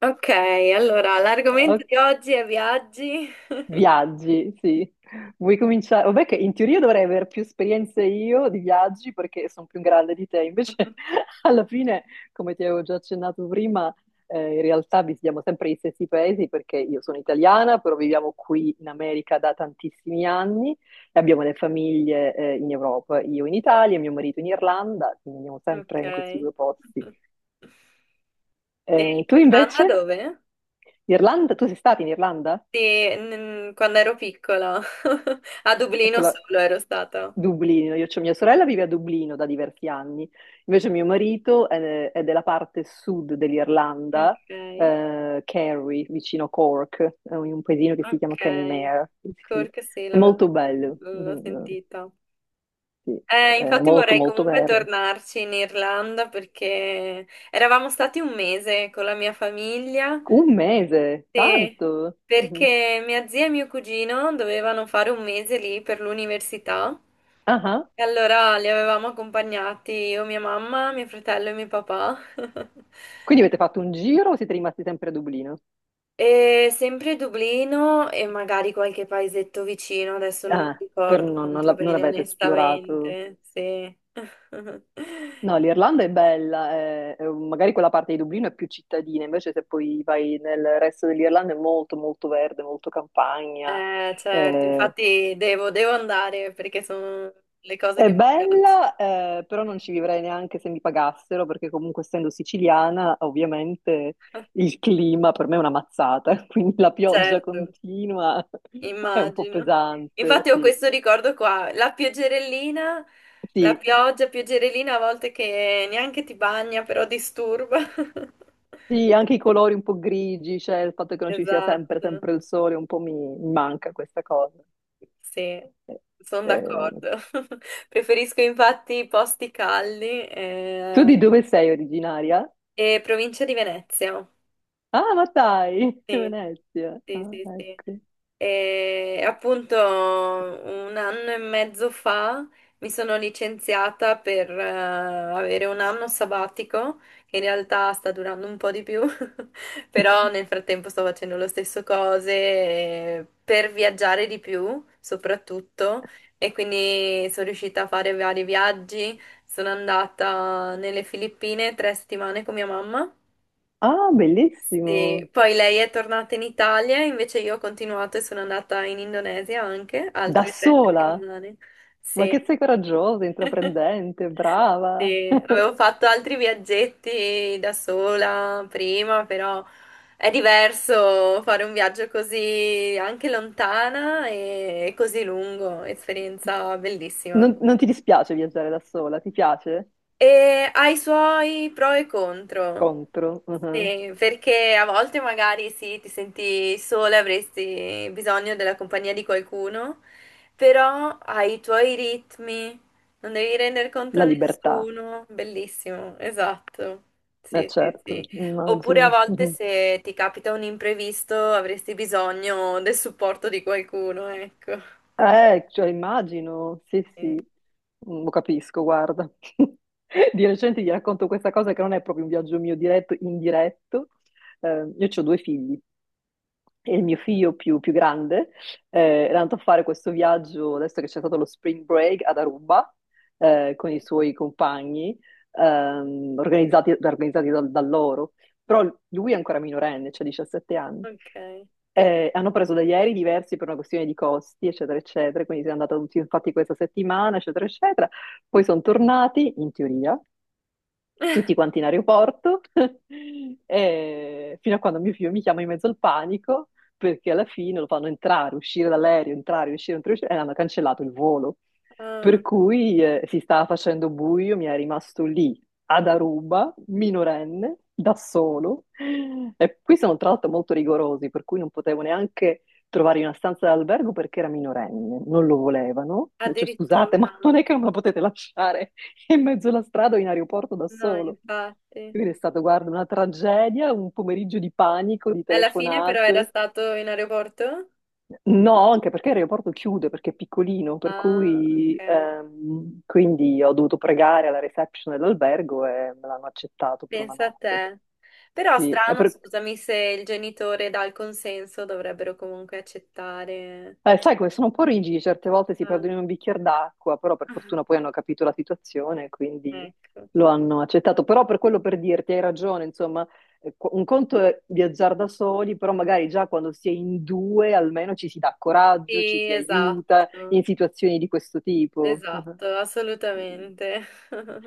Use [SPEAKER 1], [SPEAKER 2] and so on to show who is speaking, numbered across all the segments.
[SPEAKER 1] Ok, allora
[SPEAKER 2] Oh,
[SPEAKER 1] l'argomento di oggi è viaggi.
[SPEAKER 2] viaggi, sì. Vuoi cominciare? Vabbè che in teoria dovrei avere più esperienze io di viaggi perché sono più grande di te, invece alla fine, come ti avevo già accennato prima, in realtà visitiamo sempre gli stessi paesi perché io sono italiana, però viviamo qui in America da tantissimi anni e abbiamo le famiglie, in Europa, io in Italia, mio marito in Irlanda, quindi andiamo
[SPEAKER 1] Ok.
[SPEAKER 2] sempre in questi
[SPEAKER 1] E
[SPEAKER 2] due posti. Tu
[SPEAKER 1] l'Irlanda
[SPEAKER 2] invece?
[SPEAKER 1] dove?
[SPEAKER 2] Irlanda? Tu sei stata in Irlanda?
[SPEAKER 1] Sì, quando ero piccola. A
[SPEAKER 2] È
[SPEAKER 1] Dublino
[SPEAKER 2] quella
[SPEAKER 1] solo ero stata.
[SPEAKER 2] Dublino, io, cioè mia sorella vive a Dublino da diversi anni, invece mio marito è della parte sud dell'Irlanda,
[SPEAKER 1] Ok,
[SPEAKER 2] Kerry, vicino Cork, è un paesino che si chiama
[SPEAKER 1] ok.
[SPEAKER 2] Kenmare, sì. Sì.
[SPEAKER 1] Cork sì,
[SPEAKER 2] È molto bello,
[SPEAKER 1] l'ho
[SPEAKER 2] mm,
[SPEAKER 1] sentita.
[SPEAKER 2] sì, è
[SPEAKER 1] Infatti
[SPEAKER 2] molto
[SPEAKER 1] vorrei
[SPEAKER 2] molto
[SPEAKER 1] comunque
[SPEAKER 2] verde.
[SPEAKER 1] tornarci in Irlanda perché eravamo stati un mese con la mia famiglia.
[SPEAKER 2] Un mese,
[SPEAKER 1] Sì,
[SPEAKER 2] tanto! Mhm.
[SPEAKER 1] perché mia zia e mio cugino dovevano fare un mese lì per l'università
[SPEAKER 2] Ah, ah.
[SPEAKER 1] e allora li avevamo accompagnati io, mia mamma, mio fratello e mio papà.
[SPEAKER 2] Quindi avete fatto un giro o siete rimasti sempre a Dublino?
[SPEAKER 1] E sempre Dublino e magari qualche paesetto vicino, adesso non mi
[SPEAKER 2] Ah, per
[SPEAKER 1] ricordo
[SPEAKER 2] non, non
[SPEAKER 1] molto
[SPEAKER 2] non
[SPEAKER 1] bene,
[SPEAKER 2] l'avete esplorato?
[SPEAKER 1] onestamente. Sì.
[SPEAKER 2] No, l'Irlanda è bella, magari quella parte di Dublino è più cittadina, invece se poi vai nel resto dell'Irlanda è molto molto verde, molto campagna.
[SPEAKER 1] Certo,
[SPEAKER 2] Eh,
[SPEAKER 1] infatti devo andare perché sono le cose
[SPEAKER 2] è
[SPEAKER 1] che mi piacciono.
[SPEAKER 2] bella, però non ci vivrei neanche se mi pagassero, perché comunque essendo siciliana, ovviamente il clima per me è una mazzata, quindi la pioggia
[SPEAKER 1] Certo.
[SPEAKER 2] continua è un po'
[SPEAKER 1] Immagino.
[SPEAKER 2] pesante,
[SPEAKER 1] Infatti ho
[SPEAKER 2] sì.
[SPEAKER 1] questo ricordo qua, la pioggerellina, la
[SPEAKER 2] Sì,
[SPEAKER 1] pioggia, pioggerellina a volte che neanche ti bagna, però disturba.
[SPEAKER 2] sì, anche i colori un po' grigi, cioè il fatto che non ci sia sempre,
[SPEAKER 1] Esatto,
[SPEAKER 2] sempre il sole, un po' mi manca questa cosa.
[SPEAKER 1] sì,
[SPEAKER 2] Eh,
[SPEAKER 1] sono
[SPEAKER 2] eh,
[SPEAKER 1] d'accordo. Preferisco infatti i posti caldi
[SPEAKER 2] tu di dove sei originaria?
[SPEAKER 1] e provincia di Venezia.
[SPEAKER 2] Ah, ma dai,
[SPEAKER 1] Sì,
[SPEAKER 2] Venezia.
[SPEAKER 1] sì,
[SPEAKER 2] Ah,
[SPEAKER 1] sì, sì.
[SPEAKER 2] ecco.
[SPEAKER 1] E appunto un anno e mezzo fa mi sono licenziata per avere un anno sabbatico, che in realtà sta durando un po' di più, però nel frattempo sto facendo lo stesso cose per viaggiare di più, soprattutto, e quindi sono riuscita a fare vari viaggi. Sono andata nelle Filippine tre settimane con mia mamma.
[SPEAKER 2] Ah,
[SPEAKER 1] Sì,
[SPEAKER 2] bellissimo.
[SPEAKER 1] poi lei è tornata in Italia, invece io ho continuato e sono andata in Indonesia anche,
[SPEAKER 2] Da
[SPEAKER 1] altre tre
[SPEAKER 2] sola.
[SPEAKER 1] settimane.
[SPEAKER 2] Ma
[SPEAKER 1] Sì.
[SPEAKER 2] che sei coraggiosa, intraprendente, brava.
[SPEAKER 1] Sì, avevo fatto altri viaggetti da sola prima, però è diverso fare un viaggio così anche lontana e così lungo, esperienza bellissima.
[SPEAKER 2] Non ti dispiace viaggiare da sola? Ti piace?
[SPEAKER 1] E ha i suoi pro e contro.
[SPEAKER 2] Contro, mhm.
[SPEAKER 1] Sì, perché a volte magari sì, ti senti sola, avresti bisogno della compagnia di qualcuno, però hai i tuoi ritmi, non devi rendere conto a
[SPEAKER 2] La libertà.
[SPEAKER 1] nessuno. Bellissimo, esatto.
[SPEAKER 2] Eh,
[SPEAKER 1] Sì, sì,
[SPEAKER 2] certo,
[SPEAKER 1] sì. Oppure a
[SPEAKER 2] immagino.
[SPEAKER 1] volte
[SPEAKER 2] Mhm.
[SPEAKER 1] se ti capita un imprevisto, avresti bisogno del supporto di qualcuno, ecco.
[SPEAKER 2] Cioè immagino, sì,
[SPEAKER 1] Sì,
[SPEAKER 2] sì. Mm, lo capisco, guarda. Di recente gli racconto questa cosa che non è proprio un viaggio mio diretto, indiretto. Io ho due figli e il mio figlio più grande eh, era andato a fare questo viaggio, adesso che c'è stato lo spring break ad Aruba, con i
[SPEAKER 1] sì.
[SPEAKER 2] suoi compagni, organizzati, organizzati da loro. Però lui è ancora minorenne, cioè 17 anni.
[SPEAKER 1] Ok.
[SPEAKER 2] Hanno preso degli aerei diversi per una questione di costi, eccetera, eccetera. Quindi si è andata tutti, infatti, questa settimana, eccetera, eccetera. Poi sono tornati, in teoria, tutti quanti in aeroporto, e fino a quando mio figlio mi chiama in mezzo al panico, perché alla fine lo fanno entrare, uscire dall'aereo, entrare, uscire, e hanno cancellato il volo. Per
[SPEAKER 1] Ah,
[SPEAKER 2] cui si stava facendo buio, mi è rimasto lì ad Aruba, minorenne, da solo. E qui sono tra l'altro molto rigorosi, per cui non potevo neanche trovare una stanza d'albergo perché era minorenne, non lo volevano. Dice, scusate,
[SPEAKER 1] addirittura.
[SPEAKER 2] ma non è che non me la potete lasciare in mezzo alla strada o in aeroporto da
[SPEAKER 1] No,
[SPEAKER 2] solo.
[SPEAKER 1] infatti.
[SPEAKER 2] Quindi è stato, guarda, una tragedia, un pomeriggio di panico, di
[SPEAKER 1] Alla fine però era
[SPEAKER 2] telefonate.
[SPEAKER 1] stato in aeroporto?
[SPEAKER 2] No, anche perché l'aeroporto chiude, perché è piccolino, per
[SPEAKER 1] Ah,
[SPEAKER 2] cui
[SPEAKER 1] ok.
[SPEAKER 2] quindi ho dovuto pregare alla reception dell'albergo e me l'hanno accettato per una
[SPEAKER 1] Pensa a
[SPEAKER 2] notte.
[SPEAKER 1] te. Però
[SPEAKER 2] Sì, è
[SPEAKER 1] strano,
[SPEAKER 2] per-
[SPEAKER 1] scusami, se il genitore dà il consenso, dovrebbero comunque accettare.
[SPEAKER 2] Sai come sono un po' rigidi, certe volte si
[SPEAKER 1] Ah,
[SPEAKER 2] perdono in un bicchiere d'acqua, però per fortuna poi hanno capito la situazione, quindi
[SPEAKER 1] ecco.
[SPEAKER 2] lo hanno accettato. Però per quello per dirti, hai ragione, insomma, un conto è viaggiare da soli, però magari già quando si è in due almeno ci si dà coraggio, ci
[SPEAKER 1] Sì,
[SPEAKER 2] si
[SPEAKER 1] esatto,
[SPEAKER 2] aiuta in situazioni di questo tipo. Ah,
[SPEAKER 1] esatto, assolutamente.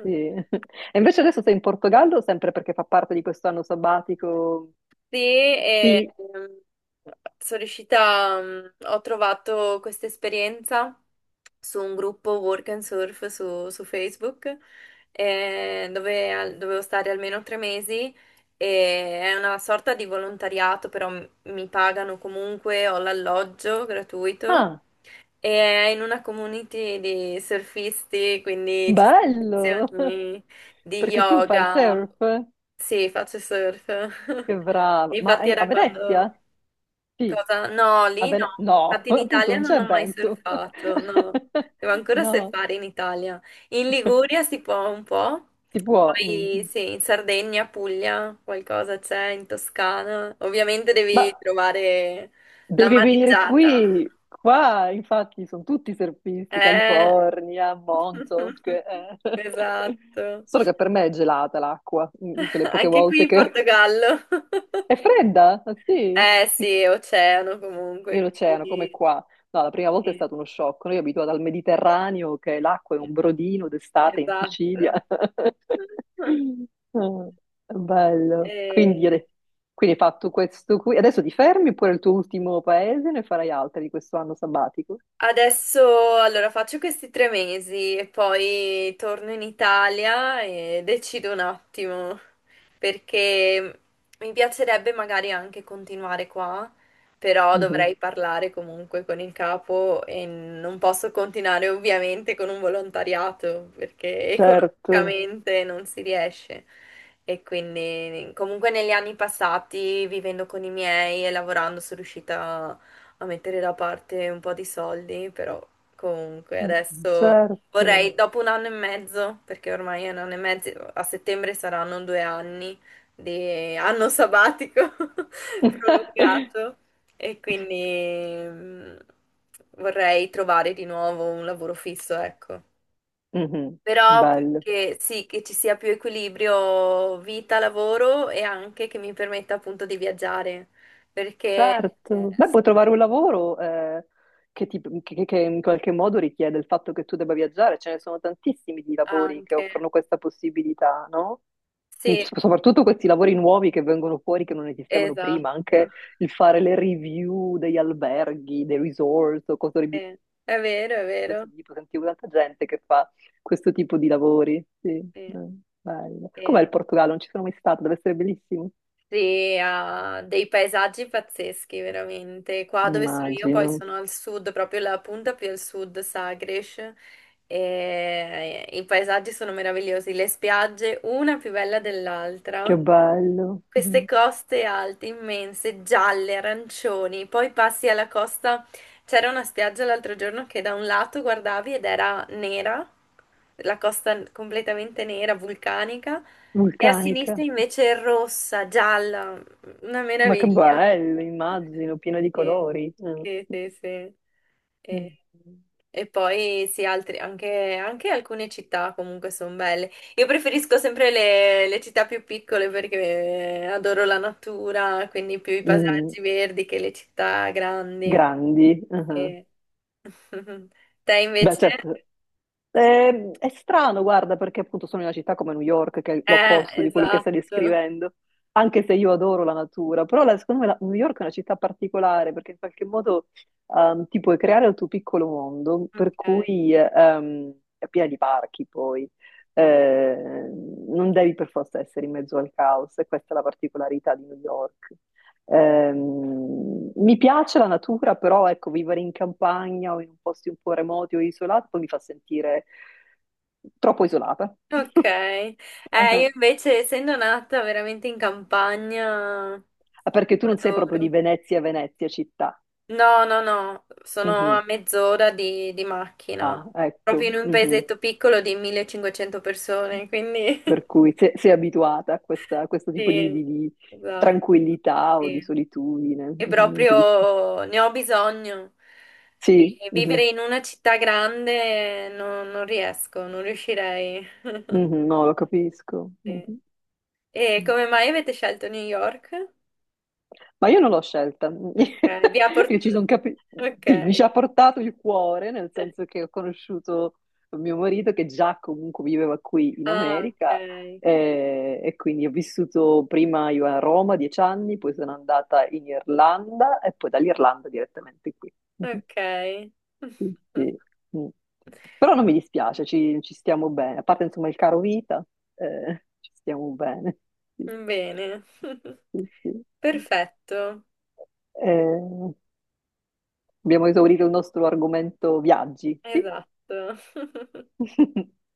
[SPEAKER 2] sì. E invece adesso sei in Portogallo, sempre perché fa parte di questo anno sabbatico?
[SPEAKER 1] Sì,
[SPEAKER 2] Sì.
[SPEAKER 1] sono riuscita, mm, ho trovato questa esperienza su un gruppo Work and Surf su Facebook, dovevo stare almeno tre mesi e è una sorta di volontariato, però mi pagano comunque, ho l'alloggio gratuito
[SPEAKER 2] Ah,
[SPEAKER 1] e è in una community di surfisti, quindi ci sono
[SPEAKER 2] bello!
[SPEAKER 1] lezioni di
[SPEAKER 2] Perché tu fai
[SPEAKER 1] yoga.
[SPEAKER 2] surf?
[SPEAKER 1] Sì, faccio surf.
[SPEAKER 2] Che brava.
[SPEAKER 1] Infatti
[SPEAKER 2] A
[SPEAKER 1] era quando...
[SPEAKER 2] Venezia? Sì,
[SPEAKER 1] Cosa? No,
[SPEAKER 2] a
[SPEAKER 1] lì no.
[SPEAKER 2] Venezia. No,
[SPEAKER 1] Infatti in
[SPEAKER 2] appunto
[SPEAKER 1] Italia
[SPEAKER 2] non
[SPEAKER 1] non
[SPEAKER 2] c'è
[SPEAKER 1] ho mai
[SPEAKER 2] vento.
[SPEAKER 1] surfato, no. Devo ancora
[SPEAKER 2] No,
[SPEAKER 1] surfare in Italia. In Liguria si può un po'.
[SPEAKER 2] si può. Mm.
[SPEAKER 1] Poi
[SPEAKER 2] Mm.
[SPEAKER 1] sì, in Sardegna, Puglia, qualcosa c'è, in Toscana. Ovviamente
[SPEAKER 2] Ma
[SPEAKER 1] devi trovare la
[SPEAKER 2] devi venire
[SPEAKER 1] mareggiata.
[SPEAKER 2] qui. Qua, infatti, sono tutti surfisti,
[SPEAKER 1] Eh.
[SPEAKER 2] California, Montauk. Eh.
[SPEAKER 1] Esatto.
[SPEAKER 2] Solo che per me è gelata l'acqua, mm, quelle poche
[SPEAKER 1] Anche qui
[SPEAKER 2] volte
[SPEAKER 1] in
[SPEAKER 2] che...
[SPEAKER 1] Portogallo.
[SPEAKER 2] È fredda, ah, sì.
[SPEAKER 1] Eh sì, è oceano
[SPEAKER 2] E
[SPEAKER 1] comunque,
[SPEAKER 2] l'oceano, come
[SPEAKER 1] quindi
[SPEAKER 2] qua. No, la prima volta è
[SPEAKER 1] sì,
[SPEAKER 2] stato uno shock. Noi abituati al Mediterraneo, che l'acqua è un brodino d'estate in
[SPEAKER 1] esatto.
[SPEAKER 2] Sicilia. Ah, bello.
[SPEAKER 1] E,
[SPEAKER 2] Quindi hai fatto questo qui. Adesso ti fermi pure il tuo ultimo paese, ne farai altri di questo anno sabbatico.
[SPEAKER 1] adesso allora faccio questi tre mesi e poi torno in Italia e decido un attimo perché mi piacerebbe magari anche continuare qua, però
[SPEAKER 2] Mhm.
[SPEAKER 1] dovrei parlare comunque con il capo e non posso continuare ovviamente con un volontariato perché
[SPEAKER 2] Certo,
[SPEAKER 1] economicamente non si riesce. E quindi comunque negli anni passati, vivendo con i miei e lavorando, sono riuscita a mettere da parte un po' di soldi, però comunque adesso vorrei,
[SPEAKER 2] certo.
[SPEAKER 1] dopo un anno e mezzo, perché ormai è un anno e mezzo, a settembre saranno due anni di anno sabbatico prolungato e quindi mm, vorrei trovare di nuovo un lavoro fisso, ecco.
[SPEAKER 2] Mhm.
[SPEAKER 1] Però
[SPEAKER 2] Bello.
[SPEAKER 1] che sì, che ci sia più equilibrio vita-lavoro e anche che mi permetta appunto di viaggiare, perché
[SPEAKER 2] Certo, beh, puoi trovare un lavoro che in qualche modo richiede il fatto che tu debba viaggiare, ce ne sono tantissimi di lavori che
[SPEAKER 1] anche.
[SPEAKER 2] offrono questa possibilità, no? Mm,
[SPEAKER 1] Sì,
[SPEAKER 2] Soprattutto questi lavori nuovi che vengono fuori che non esistevano prima,
[SPEAKER 1] esatto.
[SPEAKER 2] anche il fare le review degli alberghi, dei resort o cose di
[SPEAKER 1] È vero, è vero.
[SPEAKER 2] questo tipo, sentivo tanta gente che fa questo tipo di lavori, sì,
[SPEAKER 1] Eh,
[SPEAKER 2] bello. Com'è il
[SPEAKER 1] eh,
[SPEAKER 2] Portogallo? Non ci sono mai stata, deve essere bellissimo.
[SPEAKER 1] Sì, ha dei paesaggi pazzeschi, veramente. Qua dove sono io, poi
[SPEAKER 2] Immagino,
[SPEAKER 1] sono al sud, proprio la punta più al sud, Sagres. E i paesaggi sono meravigliosi, le spiagge, una più bella dell'altra.
[SPEAKER 2] che bello.
[SPEAKER 1] Queste
[SPEAKER 2] Mm-hmm.
[SPEAKER 1] coste alte, immense, gialle, arancioni, poi passi alla costa. C'era una spiaggia l'altro giorno che da un lato guardavi ed era nera, la costa completamente nera, vulcanica, e a sinistra
[SPEAKER 2] Vulcanica,
[SPEAKER 1] invece è rossa, gialla, una
[SPEAKER 2] ma che
[SPEAKER 1] meraviglia.
[SPEAKER 2] bello, immagino, piena di
[SPEAKER 1] Sì,
[SPEAKER 2] colori, mm.
[SPEAKER 1] sì, sì. Sì. E,
[SPEAKER 2] Mm.
[SPEAKER 1] e poi sì, altri, anche, anche alcune città comunque sono belle. Io preferisco sempre le città più piccole perché adoro la natura, quindi più i
[SPEAKER 2] Mm,
[SPEAKER 1] paesaggi verdi che le città grandi.
[SPEAKER 2] grandi. Ah.
[SPEAKER 1] Eh. Te
[SPEAKER 2] Beh,
[SPEAKER 1] invece?
[SPEAKER 2] certo, eh, è strano, guarda, perché appunto sono in una città come New York, che è l'opposto di quello che stai
[SPEAKER 1] Esatto.
[SPEAKER 2] descrivendo, anche se io adoro la natura, però secondo me New York è una città particolare perché in qualche modo ti puoi creare il tuo piccolo mondo, per
[SPEAKER 1] Ok.
[SPEAKER 2] cui è piena di parchi poi,
[SPEAKER 1] Sì.
[SPEAKER 2] eh, non devi per forza essere in mezzo al caos e questa è la particolarità di New York. Mi piace la natura, però ecco, vivere in campagna o in posti un po' remoti o isolati poi mi fa sentire troppo isolata.
[SPEAKER 1] Ok. Io invece, essendo nata veramente in campagna,
[SPEAKER 2] Ah, perché tu non sei proprio di
[SPEAKER 1] adoro.
[SPEAKER 2] Venezia, Venezia città.
[SPEAKER 1] No, no, no, sono a
[SPEAKER 2] Mhm.
[SPEAKER 1] mezz'ora di macchina,
[SPEAKER 2] Ah,
[SPEAKER 1] proprio
[SPEAKER 2] ecco.
[SPEAKER 1] in un
[SPEAKER 2] Mhm.
[SPEAKER 1] paesetto piccolo di 1500 persone, quindi
[SPEAKER 2] Per cui sei abituata a, a questo tipo
[SPEAKER 1] sì,
[SPEAKER 2] di
[SPEAKER 1] esatto,
[SPEAKER 2] tranquillità o di
[SPEAKER 1] sì.
[SPEAKER 2] solitudine.
[SPEAKER 1] E
[SPEAKER 2] Mhm, non ti dis-.
[SPEAKER 1] proprio ne ho bisogno.
[SPEAKER 2] Sì,
[SPEAKER 1] E
[SPEAKER 2] mhm.
[SPEAKER 1] vivere in una città grande non, non riesco, non riuscirei.
[SPEAKER 2] Mhm, no, lo capisco.
[SPEAKER 1] Sì. E
[SPEAKER 2] Mhm.
[SPEAKER 1] come mai avete scelto New York?
[SPEAKER 2] Ma io non l'ho scelta,
[SPEAKER 1] Ok, vi ha
[SPEAKER 2] Io ci son
[SPEAKER 1] portato...
[SPEAKER 2] capi-
[SPEAKER 1] Ok.
[SPEAKER 2] sì, mi ci ha portato il cuore, nel senso che ho conosciuto mio marito che già comunque viveva qui in
[SPEAKER 1] Ah,
[SPEAKER 2] America
[SPEAKER 1] ok.
[SPEAKER 2] e quindi ho vissuto prima io a Roma 10 anni, poi sono andata in Irlanda e poi dall'Irlanda direttamente qui.
[SPEAKER 1] Ok.
[SPEAKER 2] Sì, sì. Mm. Però non mi dispiace, ci, ci stiamo bene, a parte insomma il caro vita, ci stiamo bene. Sì,
[SPEAKER 1] Bene.
[SPEAKER 2] sì, sì. Sì.
[SPEAKER 1] Perfetto.
[SPEAKER 2] Eh, abbiamo esaurito il nostro argomento viaggi, sì?
[SPEAKER 1] Esatto.